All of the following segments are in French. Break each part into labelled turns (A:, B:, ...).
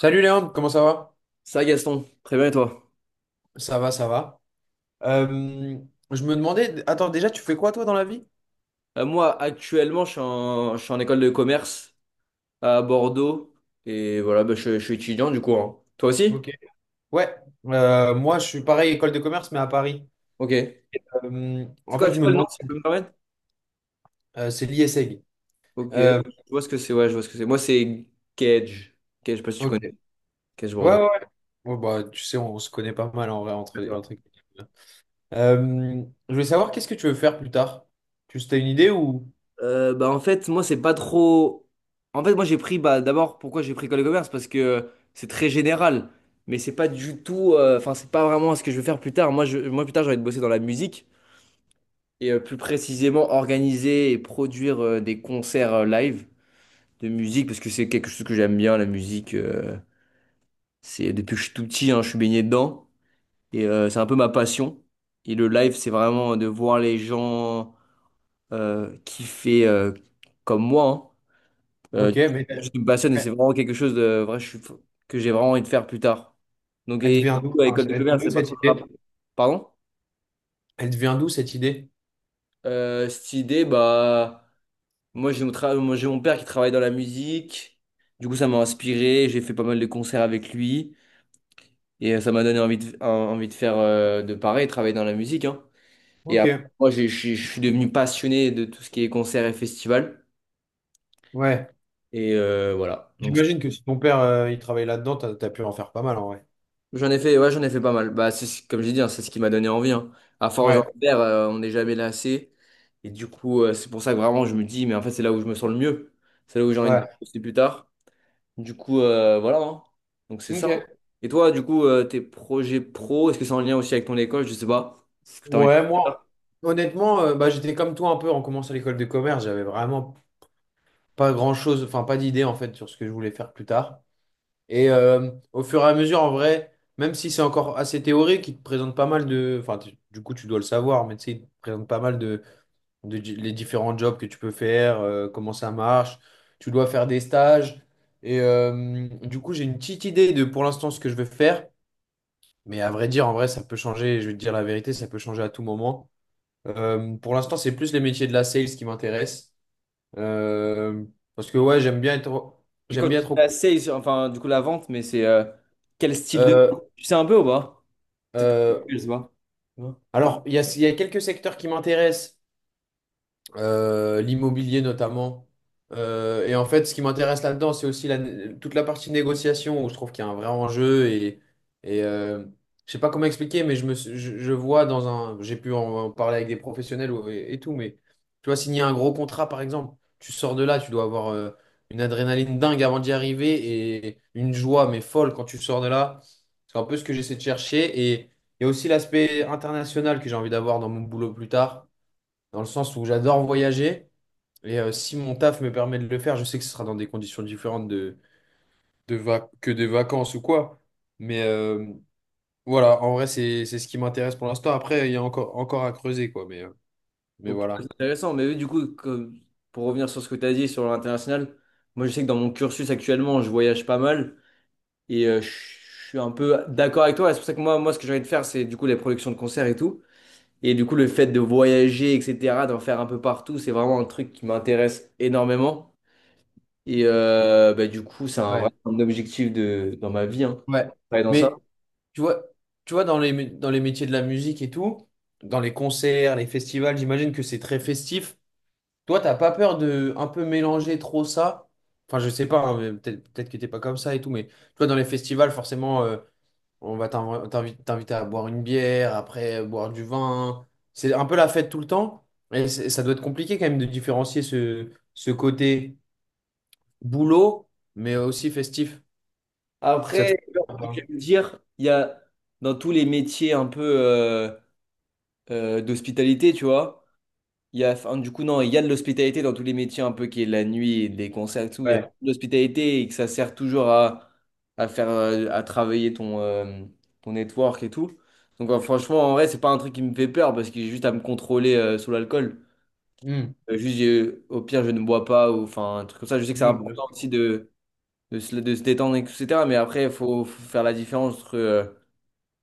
A: Salut Léandre, comment ça va?
B: Ça, Gaston, très bien et toi?
A: Ça va, ça va. Euh, je me demandais, attends, déjà, tu fais quoi toi dans la vie?
B: Moi, actuellement, je suis en école de commerce à Bordeaux et voilà, je suis étudiant du coup, hein. Toi aussi?
A: Ok. Ouais, moi je suis pareil, école de commerce, mais à Paris.
B: Ok. C'est
A: En
B: quoi,
A: fait, je
B: c'est
A: me
B: quoi le nom,
A: demandais,
B: si tu peux me permettre?
A: c'est l'ISEG.
B: Ok, je
A: Euh,
B: vois ce que c'est, ouais, je vois ce que c'est. Moi, c'est Cage. Cage, je sais pas si tu
A: ok.
B: connais.
A: Ouais,
B: Cage Bordeaux.
A: ouais. Bon, bah, tu sais, on se connaît pas mal en vrai entre... Euh, je voulais savoir, qu'est-ce que tu veux faire plus tard? Tu as une idée ou...
B: En fait, moi, c'est pas trop. En fait, moi, j'ai pris, bah, d'abord, pourquoi j'ai pris école de commerce? Parce que c'est très général, mais c'est pas du tout. Enfin, c'est pas vraiment ce que je veux faire plus tard. Moi, plus tard, j'ai envie de bosser dans la musique, et plus précisément organiser et produire des concerts live de musique, parce que c'est quelque chose que j'aime bien, la musique. C'est depuis que je suis tout petit, hein, je suis baigné dedans, et c'est un peu ma passion. Et le live, c'est vraiment de voir les gens kiffer comme moi, hein.
A: Ok, mais
B: Je
A: elle
B: me passionne et c'est vraiment quelque chose de vrai que j'ai vraiment envie de faire plus tard. Donc,
A: elle te
B: et
A: vient d'où?
B: à l'école
A: Enfin,
B: de
A: elle te
B: commerce,
A: vient d'où
B: c'est pas
A: cette
B: trop le rapport.
A: idée?
B: Pardon?
A: Elle te vient d'où cette idée?
B: Cette idée, bah. Moi, j'ai mon père qui travaille dans la musique. Du coup, ça m'a inspiré. J'ai fait pas mal de concerts avec lui. Et ça m'a donné envie de faire de pareil, travailler dans la musique, hein. Et
A: Ok,
B: après, je suis devenu passionné de tout ce qui est concerts et festivals.
A: ouais.
B: Et voilà.
A: J'imagine que si ton père il travaille là-dedans, t'as pu en faire pas mal en vrai.
B: J'en ai fait, ouais, j'en ai fait pas mal. Bah, comme j'ai dit, hein, c'est ce qui m'a donné envie, hein. À force d'en
A: Ouais,
B: faire, on n'est jamais lassé. Et du coup, c'est pour ça que vraiment, je me dis, mais en fait, c'est là où je me sens le mieux. C'est là où j'ai envie de
A: ouais.
B: bosser plus tard. Du coup, voilà, hein. Donc c'est ça.
A: Ok.
B: Et toi, du coup, tes projets pro, est-ce que c'est en lien aussi avec ton école? Je sais pas. Est-ce que t'as envie de faire
A: Ouais,
B: ça?
A: moi, honnêtement, bah, j'étais comme toi un peu en commençant l'école de commerce, j'avais vraiment pas grand-chose, enfin pas d'idée en fait sur ce que je voulais faire plus tard. Et au fur et à mesure, en vrai, même si c'est encore assez théorique, il te présente pas mal enfin du coup tu dois le savoir, mais tu sais, il te présente pas mal les différents jobs que tu peux faire, comment ça marche, tu dois faire des stages. Et du coup, j'ai une petite idée de pour l'instant ce que je veux faire. Mais à vrai dire, en vrai, ça peut changer. Je vais te dire la vérité, ça peut changer à tout moment. Pour l'instant, c'est plus les métiers de la sales qui m'intéressent. Euh, parce que ouais,
B: Et
A: j'aime
B: quand
A: bien
B: tu fais
A: être
B: la sales, enfin, du coup, la vente, mais c'est quel style de.
A: Euh,
B: Tu sais un peu ou pas? Peut-être que
A: euh,
B: je sais pas. Ouais.
A: alors, il y a quelques secteurs qui m'intéressent. Euh, l'immobilier notamment. Et en fait, ce qui m'intéresse là-dedans, c'est aussi toute la partie négociation où je trouve qu'il y a un vrai enjeu. Et euh, je sais pas comment expliquer, mais je me, suis- je vois dans un. J'ai pu en parler avec des professionnels et tout, mais tu vois, signer un gros contrat, par exemple, tu sors de là, tu dois avoir une adrénaline dingue avant d'y arriver et une joie, mais folle quand tu sors de là. C'est un peu ce que j'essaie de chercher. Et il y a aussi l'aspect international que j'ai envie d'avoir dans mon boulot plus tard dans le sens où j'adore voyager. Et si mon taf me permet de le faire, je sais que ce sera dans des conditions différentes que des vacances ou quoi. Mais voilà, en vrai, c'est ce qui m'intéresse pour l'instant. Après, il y a encore à creuser, quoi. Mais
B: Ok, c'est
A: voilà.
B: intéressant. Mais oui, du coup, pour revenir sur ce que tu as dit sur l'international, moi, je sais que dans mon cursus actuellement, je voyage pas mal et je suis un peu d'accord avec toi. C'est pour ça que ce que j'ai envie de faire, c'est du coup les productions de concerts et tout. Et du coup, le fait de voyager, etc., d'en faire un peu partout, c'est vraiment un truc qui m'intéresse énormément. Et du coup, c'est un
A: Ouais,
B: vrai un objectif de, dans ma vie, hein,
A: ouais.
B: travailler dans ça.
A: Mais tu vois, tu vois dans dans les métiers de la musique et tout, dans les concerts, les festivals, j'imagine que c'est très festif. Toi, t'as pas peur de un peu mélanger trop ça? Enfin, je sais pas, hein, mais peut-être que t'es pas comme ça et tout, mais tu vois, dans les festivals, forcément. Euh, on va t'inviter à boire une bière, après boire du vin. C'est un peu la fête tout le temps. Et ça doit être compliqué quand même de différencier ce côté boulot, mais aussi festif. Ça te
B: Après,
A: fait peur ou
B: comme
A: pas?
B: j'aime le dire, il y a dans tous les métiers un peu d'hospitalité, tu vois. Il y a, enfin, du coup, non, il y a de l'hospitalité dans tous les métiers, un peu qui est la nuit, et des concerts et tout. Il y a de
A: Ouais.
B: l'hospitalité et que ça sert toujours à faire, à travailler ton, ton network et tout. Donc, franchement, en vrai, c'est pas un truc qui me fait peur parce que j'ai juste à me contrôler, sur l'alcool.
A: Hmm.
B: Juste, au pire, je ne bois pas ou enfin, un truc comme ça. Je sais que c'est
A: Hmm, bien
B: important aussi
A: sûr.
B: de, de se détendre, et cetera. Mais après, faut faire la différence entre,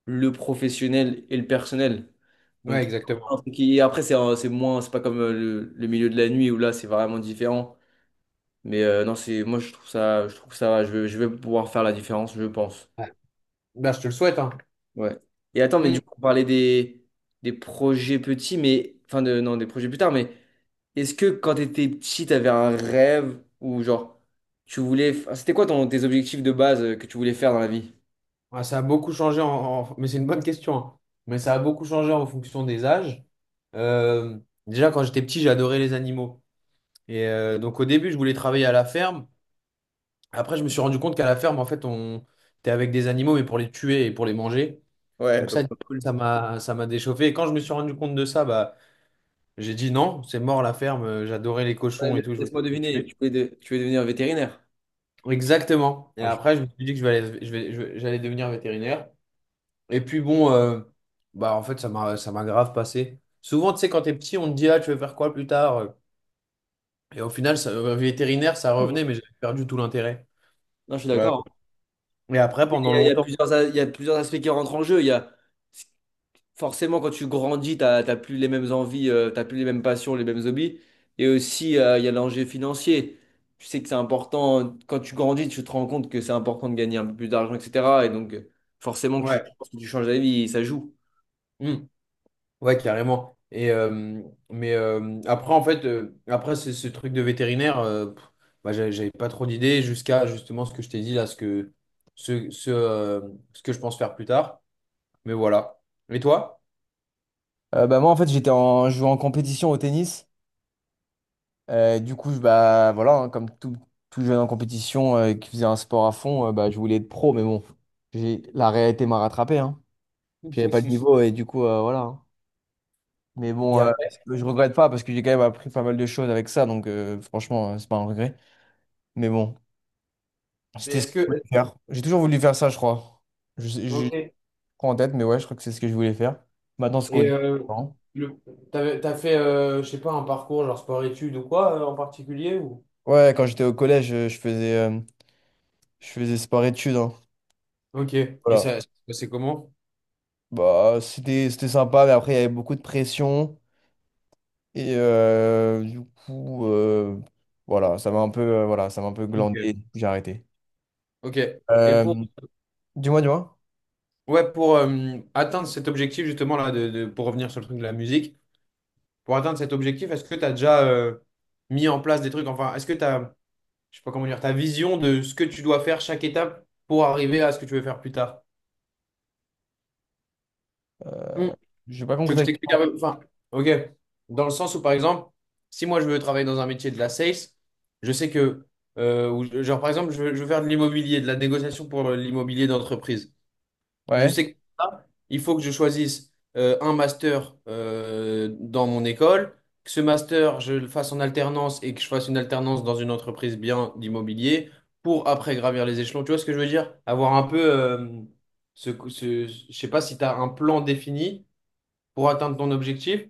B: le professionnel et le personnel.
A: Ouais,
B: Donc,
A: exactement.
B: après, c'est moins, c'est pas comme le milieu de la nuit où là, c'est vraiment différent. Mais non, c'est, moi, je trouve ça, je trouve que ça va. Je vais pouvoir faire la différence, je pense.
A: Ouais. Bah, je te le souhaite, hein.
B: Ouais. Et attends, mais
A: Hmm.
B: du coup, on parlait des projets petits, mais, enfin, de, non, des projets plus tard, mais est-ce que quand t'étais petit, t'avais un rêve ou genre, enfin, c'était quoi ton, tes objectifs de base que tu voulais faire dans la vie?
A: Ah, ça a beaucoup changé en... Mais c'est une bonne question, hein. Mais ça a beaucoup changé en fonction des âges. Euh, déjà, quand j'étais petit, j'adorais les animaux. Et donc au début, je voulais travailler à la ferme. Après, je me suis rendu compte qu'à la ferme, en fait, on t'es avec des animaux, mais pour les tuer et pour les manger.
B: Ouais,
A: Donc ça,
B: donc. Cool.
A: ça m'a déchauffé. Et quand je me suis rendu compte de ça, bah, j'ai dit non, c'est mort la ferme. J'adorais les
B: Ouais,
A: cochons
B: mais
A: et tout, je voulais
B: laisse-moi
A: pas les
B: deviner,
A: tuer.
B: tu voulais devenir vétérinaire.
A: Exactement. Et
B: Ah, je suis
A: après, je me suis dit que je vais aller- je vais- j'allais devenir vétérinaire. Et puis bon, bah en fait, ça m'a grave passé. Souvent, tu sais, quand t'es petit, on te dit ah, tu veux faire quoi plus tard? Et au final, vétérinaire, ça
B: fou, hein.
A: revenait, mais j'avais perdu tout l'intérêt.
B: Non, je suis
A: Ouais.
B: d'accord.
A: Et après, pendant
B: Il y a
A: longtemps.
B: plusieurs, a- il y a plusieurs aspects qui rentrent en jeu. Il y a, forcément, quand tu grandis, tu n'as plus les mêmes envies, t'as plus les mêmes passions, les mêmes hobbies. Et aussi, il y a l'enjeu financier. Tu sais que c'est important, quand tu grandis, tu te rends compte que c'est important de gagner un peu plus d'argent, etc. Et donc, forcément, que tu, je
A: Ouais.
B: pense que tu changes d'avis, ça joue.
A: Hmm. Ouais, carrément. Et, mais après, en fait, après ce, ce truc de vétérinaire, bah, j'avais pas trop d'idées jusqu'à justement ce que je t'ai dit là, ce, ce, euh, ce que je pense faire plus tard. Mais voilà. Et toi?
B: Moi, en fait, je jouais en compétition au tennis. Du coup, voilà, hein, comme tout jeune en compétition qui faisait un sport à fond, bah, je voulais être pro, mais bon, la réalité m'a rattrapé, hein. Puis j'avais pas le niveau et du coup, voilà, hein. Mais
A: Et
B: bon,
A: après,
B: je regrette pas parce que j'ai quand même appris pas mal de choses avec ça, donc franchement, c'est pas un regret. Mais bon,
A: mais
B: c'était ce
A: est-ce
B: que je voulais
A: que.
B: faire. J'ai toujours voulu faire ça, je crois. Je
A: Ok.
B: crois en tête, mais ouais, je crois que c'est ce que je voulais faire. Maintenant, c'est quoi?
A: Et le, t'as fait, je sais pas, un parcours genre sport-études ou quoi en particulier ou...
B: Ouais, quand j'étais au collège, je faisais sport-études, hein.
A: Ok. Et
B: Voilà.
A: ça, c'est comment?
B: Bah, c'était, c'était sympa, mais après, il y avait beaucoup de pression. Et du coup, voilà, ça m'a un peu, ça m'a un peu
A: Ok.
B: glandé. J'ai arrêté.
A: Ok. Et
B: Euh,
A: pour,
B: Dis-moi, dis-moi.
A: ouais, pour atteindre cet objectif, justement, là, pour revenir sur le truc de la musique, pour atteindre cet objectif, est-ce que tu as déjà mis en place des trucs? Enfin, est-ce que tu as, je sais pas comment dire, ta vision de ce que tu dois faire chaque étape pour arriver à ce que tu veux faire plus tard? Mm.
B: J'ai pas
A: Tu veux
B: compris
A: que je
B: ta question.
A: t'explique un peu? Enfin, ok. Dans le sens où, par exemple, si moi je veux travailler dans un métier de la sales, je sais que, ou genre par exemple, je veux faire de l'immobilier, de la négociation pour l'immobilier d'entreprise. Je
B: Ouais.
A: sais que là, il faut que je choisisse un master dans mon école, que ce master, je le fasse en alternance et que je fasse une alternance dans une entreprise bien d'immobilier pour après gravir les échelons. Tu vois ce que je veux dire? Avoir un peu je sais pas si tu as un plan défini pour atteindre ton objectif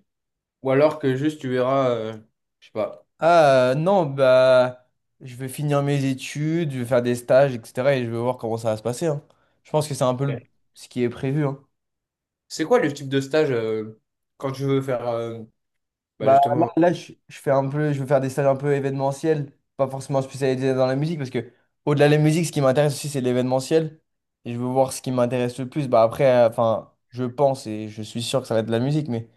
A: ou alors que juste tu verras, je sais pas.
B: Non, bah je vais finir mes études, je vais faire des stages, etc. Et je vais voir comment ça va se passer, hein. Je pense que c'est un peu le- ce qui est prévu, hein.
A: C'est quoi le type de stage quand tu veux faire bah, justement.
B: Je fais un peu, je vais faire des stages un peu événementiels, pas forcément spécialisés dans la musique, parce que au-delà de la musique, ce qui m'intéresse aussi, c'est l'événementiel. Et je veux voir ce qui m'intéresse le plus. Bah après, enfin, je pense et je suis sûr que ça va être de la musique, mais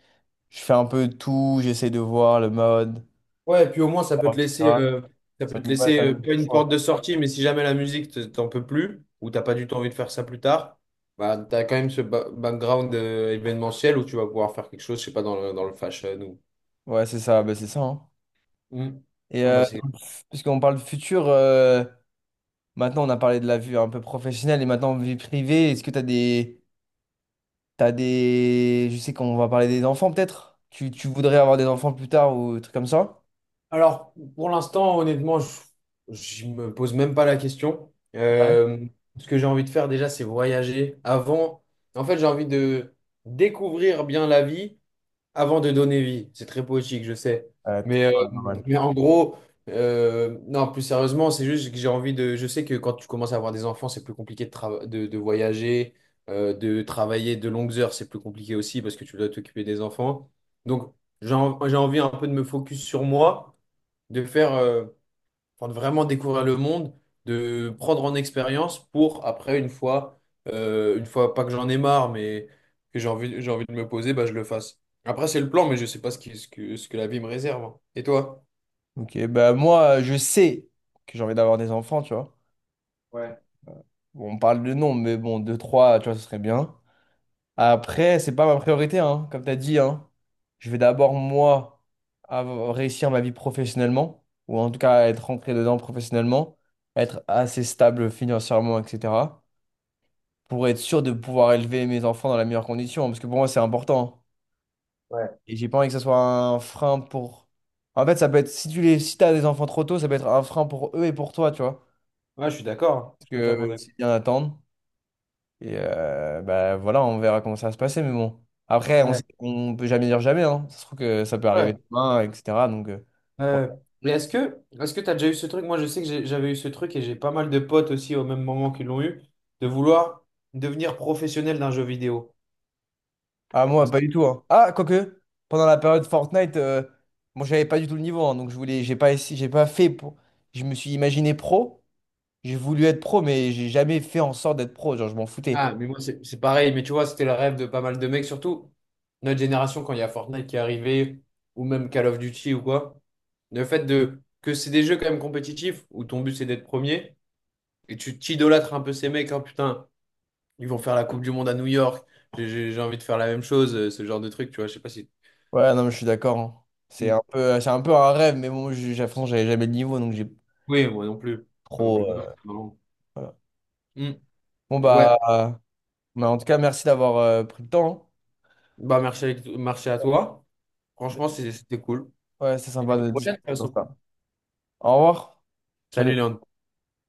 B: je fais un peu tout, j'essaie de voir le mode,
A: Ouais, et puis au moins,
B: etc.
A: ça
B: Ça
A: peut te
B: me, ouais,
A: laisser
B: ça me-
A: pas une porte de sortie, mais si jamais la musique, t'en peux plus, ou t'as pas du tout envie de faire ça plus tard, bah, t'as quand même ce background événementiel où tu vas pouvoir faire quelque chose, je sais pas, dans dans le fashion ou...
B: Ouais, c'est ça, bah, c'est ça, hein.
A: Hmm.
B: Et
A: Ah bah,
B: dans puisqu'on parle de futur, maintenant on a parlé de la vue un peu professionnelle et maintenant vie privée, est-ce que t'as des... Je sais qu'on va parler des enfants peut-être? Tu voudrais avoir des enfants plus tard ou des trucs comme ça?
A: alors, pour l'instant, honnêtement, je me pose même pas la question.
B: Ouais.
A: Ce que j'ai envie de faire déjà, c'est voyager. Avant, en fait, j'ai envie de découvrir bien la vie. Avant de donner vie, c'est très poétique, je sais.
B: Ouais,
A: Mais, oui,
B: normal.
A: mais en gros, non, plus sérieusement, c'est juste que j'ai envie de. Je sais que quand tu commences à avoir des enfants, c'est plus compliqué de voyager, de travailler de longues heures, c'est plus compliqué aussi parce que tu dois t'occuper des enfants. Donc, j'ai envie un peu de me focus sur moi, de faire. Enfin, de vraiment découvrir le monde, de prendre en expérience pour après, une fois, pas que j'en ai marre, mais que j'ai envie de me poser, bah, je le fasse. Après, c'est le plan, mais je sais pas ce que la vie me réserve, hein. Et toi?
B: Ok, bah moi je sais que j'ai envie d'avoir des enfants, tu vois.
A: Ouais.
B: Bon, on parle de nom, mais bon, deux, trois, tu vois, ce serait bien. Après, c'est pas ma priorité, hein, comme tu as dit, hein. Je vais d'abord, moi, réussir ma vie professionnellement, ou en tout cas être rentré dedans professionnellement, être assez stable financièrement, etc. Pour être sûr de pouvoir élever mes enfants dans la meilleure condition, parce que pour moi, c'est important.
A: Ouais.
B: Et j'ai pas envie que ça soit un frein pour... En fait, ça peut être, si tu les, si t'as des enfants trop tôt, ça peut être un frein pour eux et pour toi, tu vois.
A: Ouais, je suis d'accord. Je
B: Parce
A: suis totalement
B: que
A: d'accord.
B: c'est bien d'attendre. Et voilà, on verra comment ça va se passer. Mais bon, après, on sait
A: Ouais.
B: qu'on peut jamais dire jamais, hein. Ça se trouve que ça peut arriver
A: Ouais.
B: demain, etc. Donc, ouais.
A: Euh, mais est-ce que tu as déjà eu ce truc? Moi, je sais que j'avais eu ce truc et j'ai pas mal de potes aussi au même moment qu'ils l'ont eu, de vouloir devenir professionnel d'un jeu vidéo.
B: Ah, moi, pas du tout, hein. Ah, quoique, pendant la période Fortnite, moi, j'avais pas du tout le niveau, hein. Donc, je voulais, j'ai pas fait pour. Je me suis imaginé pro. J'ai voulu être pro, mais j'ai jamais fait en sorte d'être pro. Genre, je m'en foutais.
A: Ah, mais moi, c'est pareil. Mais tu vois, c'était le rêve de pas mal de mecs, surtout notre génération, quand il y a Fortnite qui est arrivé, ou même Call of Duty ou quoi. Le fait de que c'est des jeux quand même compétitifs, où ton but c'est d'être premier, et tu t'idolâtres un peu ces mecs, hein, putain, ils vont faire la Coupe du Monde à New York, j'ai envie de faire la même chose, ce genre de truc, tu vois. Je sais pas si.
B: Ouais, non, mais je suis d'accord, hein.
A: Mm.
B: C'est un peu un rêve, mais bon, de toute façon, j'avais jamais le niveau, donc j'ai
A: Oui, moi non plus. Moi non
B: trop.
A: plus. Non, non.
B: Voilà.
A: Mm.
B: Bon,
A: Ouais,
B: en tout cas, merci d'avoir pris le temps, hein.
A: bah, merci à toi.
B: Ouais,
A: Franchement, c'était cool.
B: c'est
A: Et à la
B: sympa de
A: prochaine, de
B: discuter
A: toute
B: sur
A: façon.
B: ça. Au revoir.
A: Salut,
B: Salut.
A: Léon.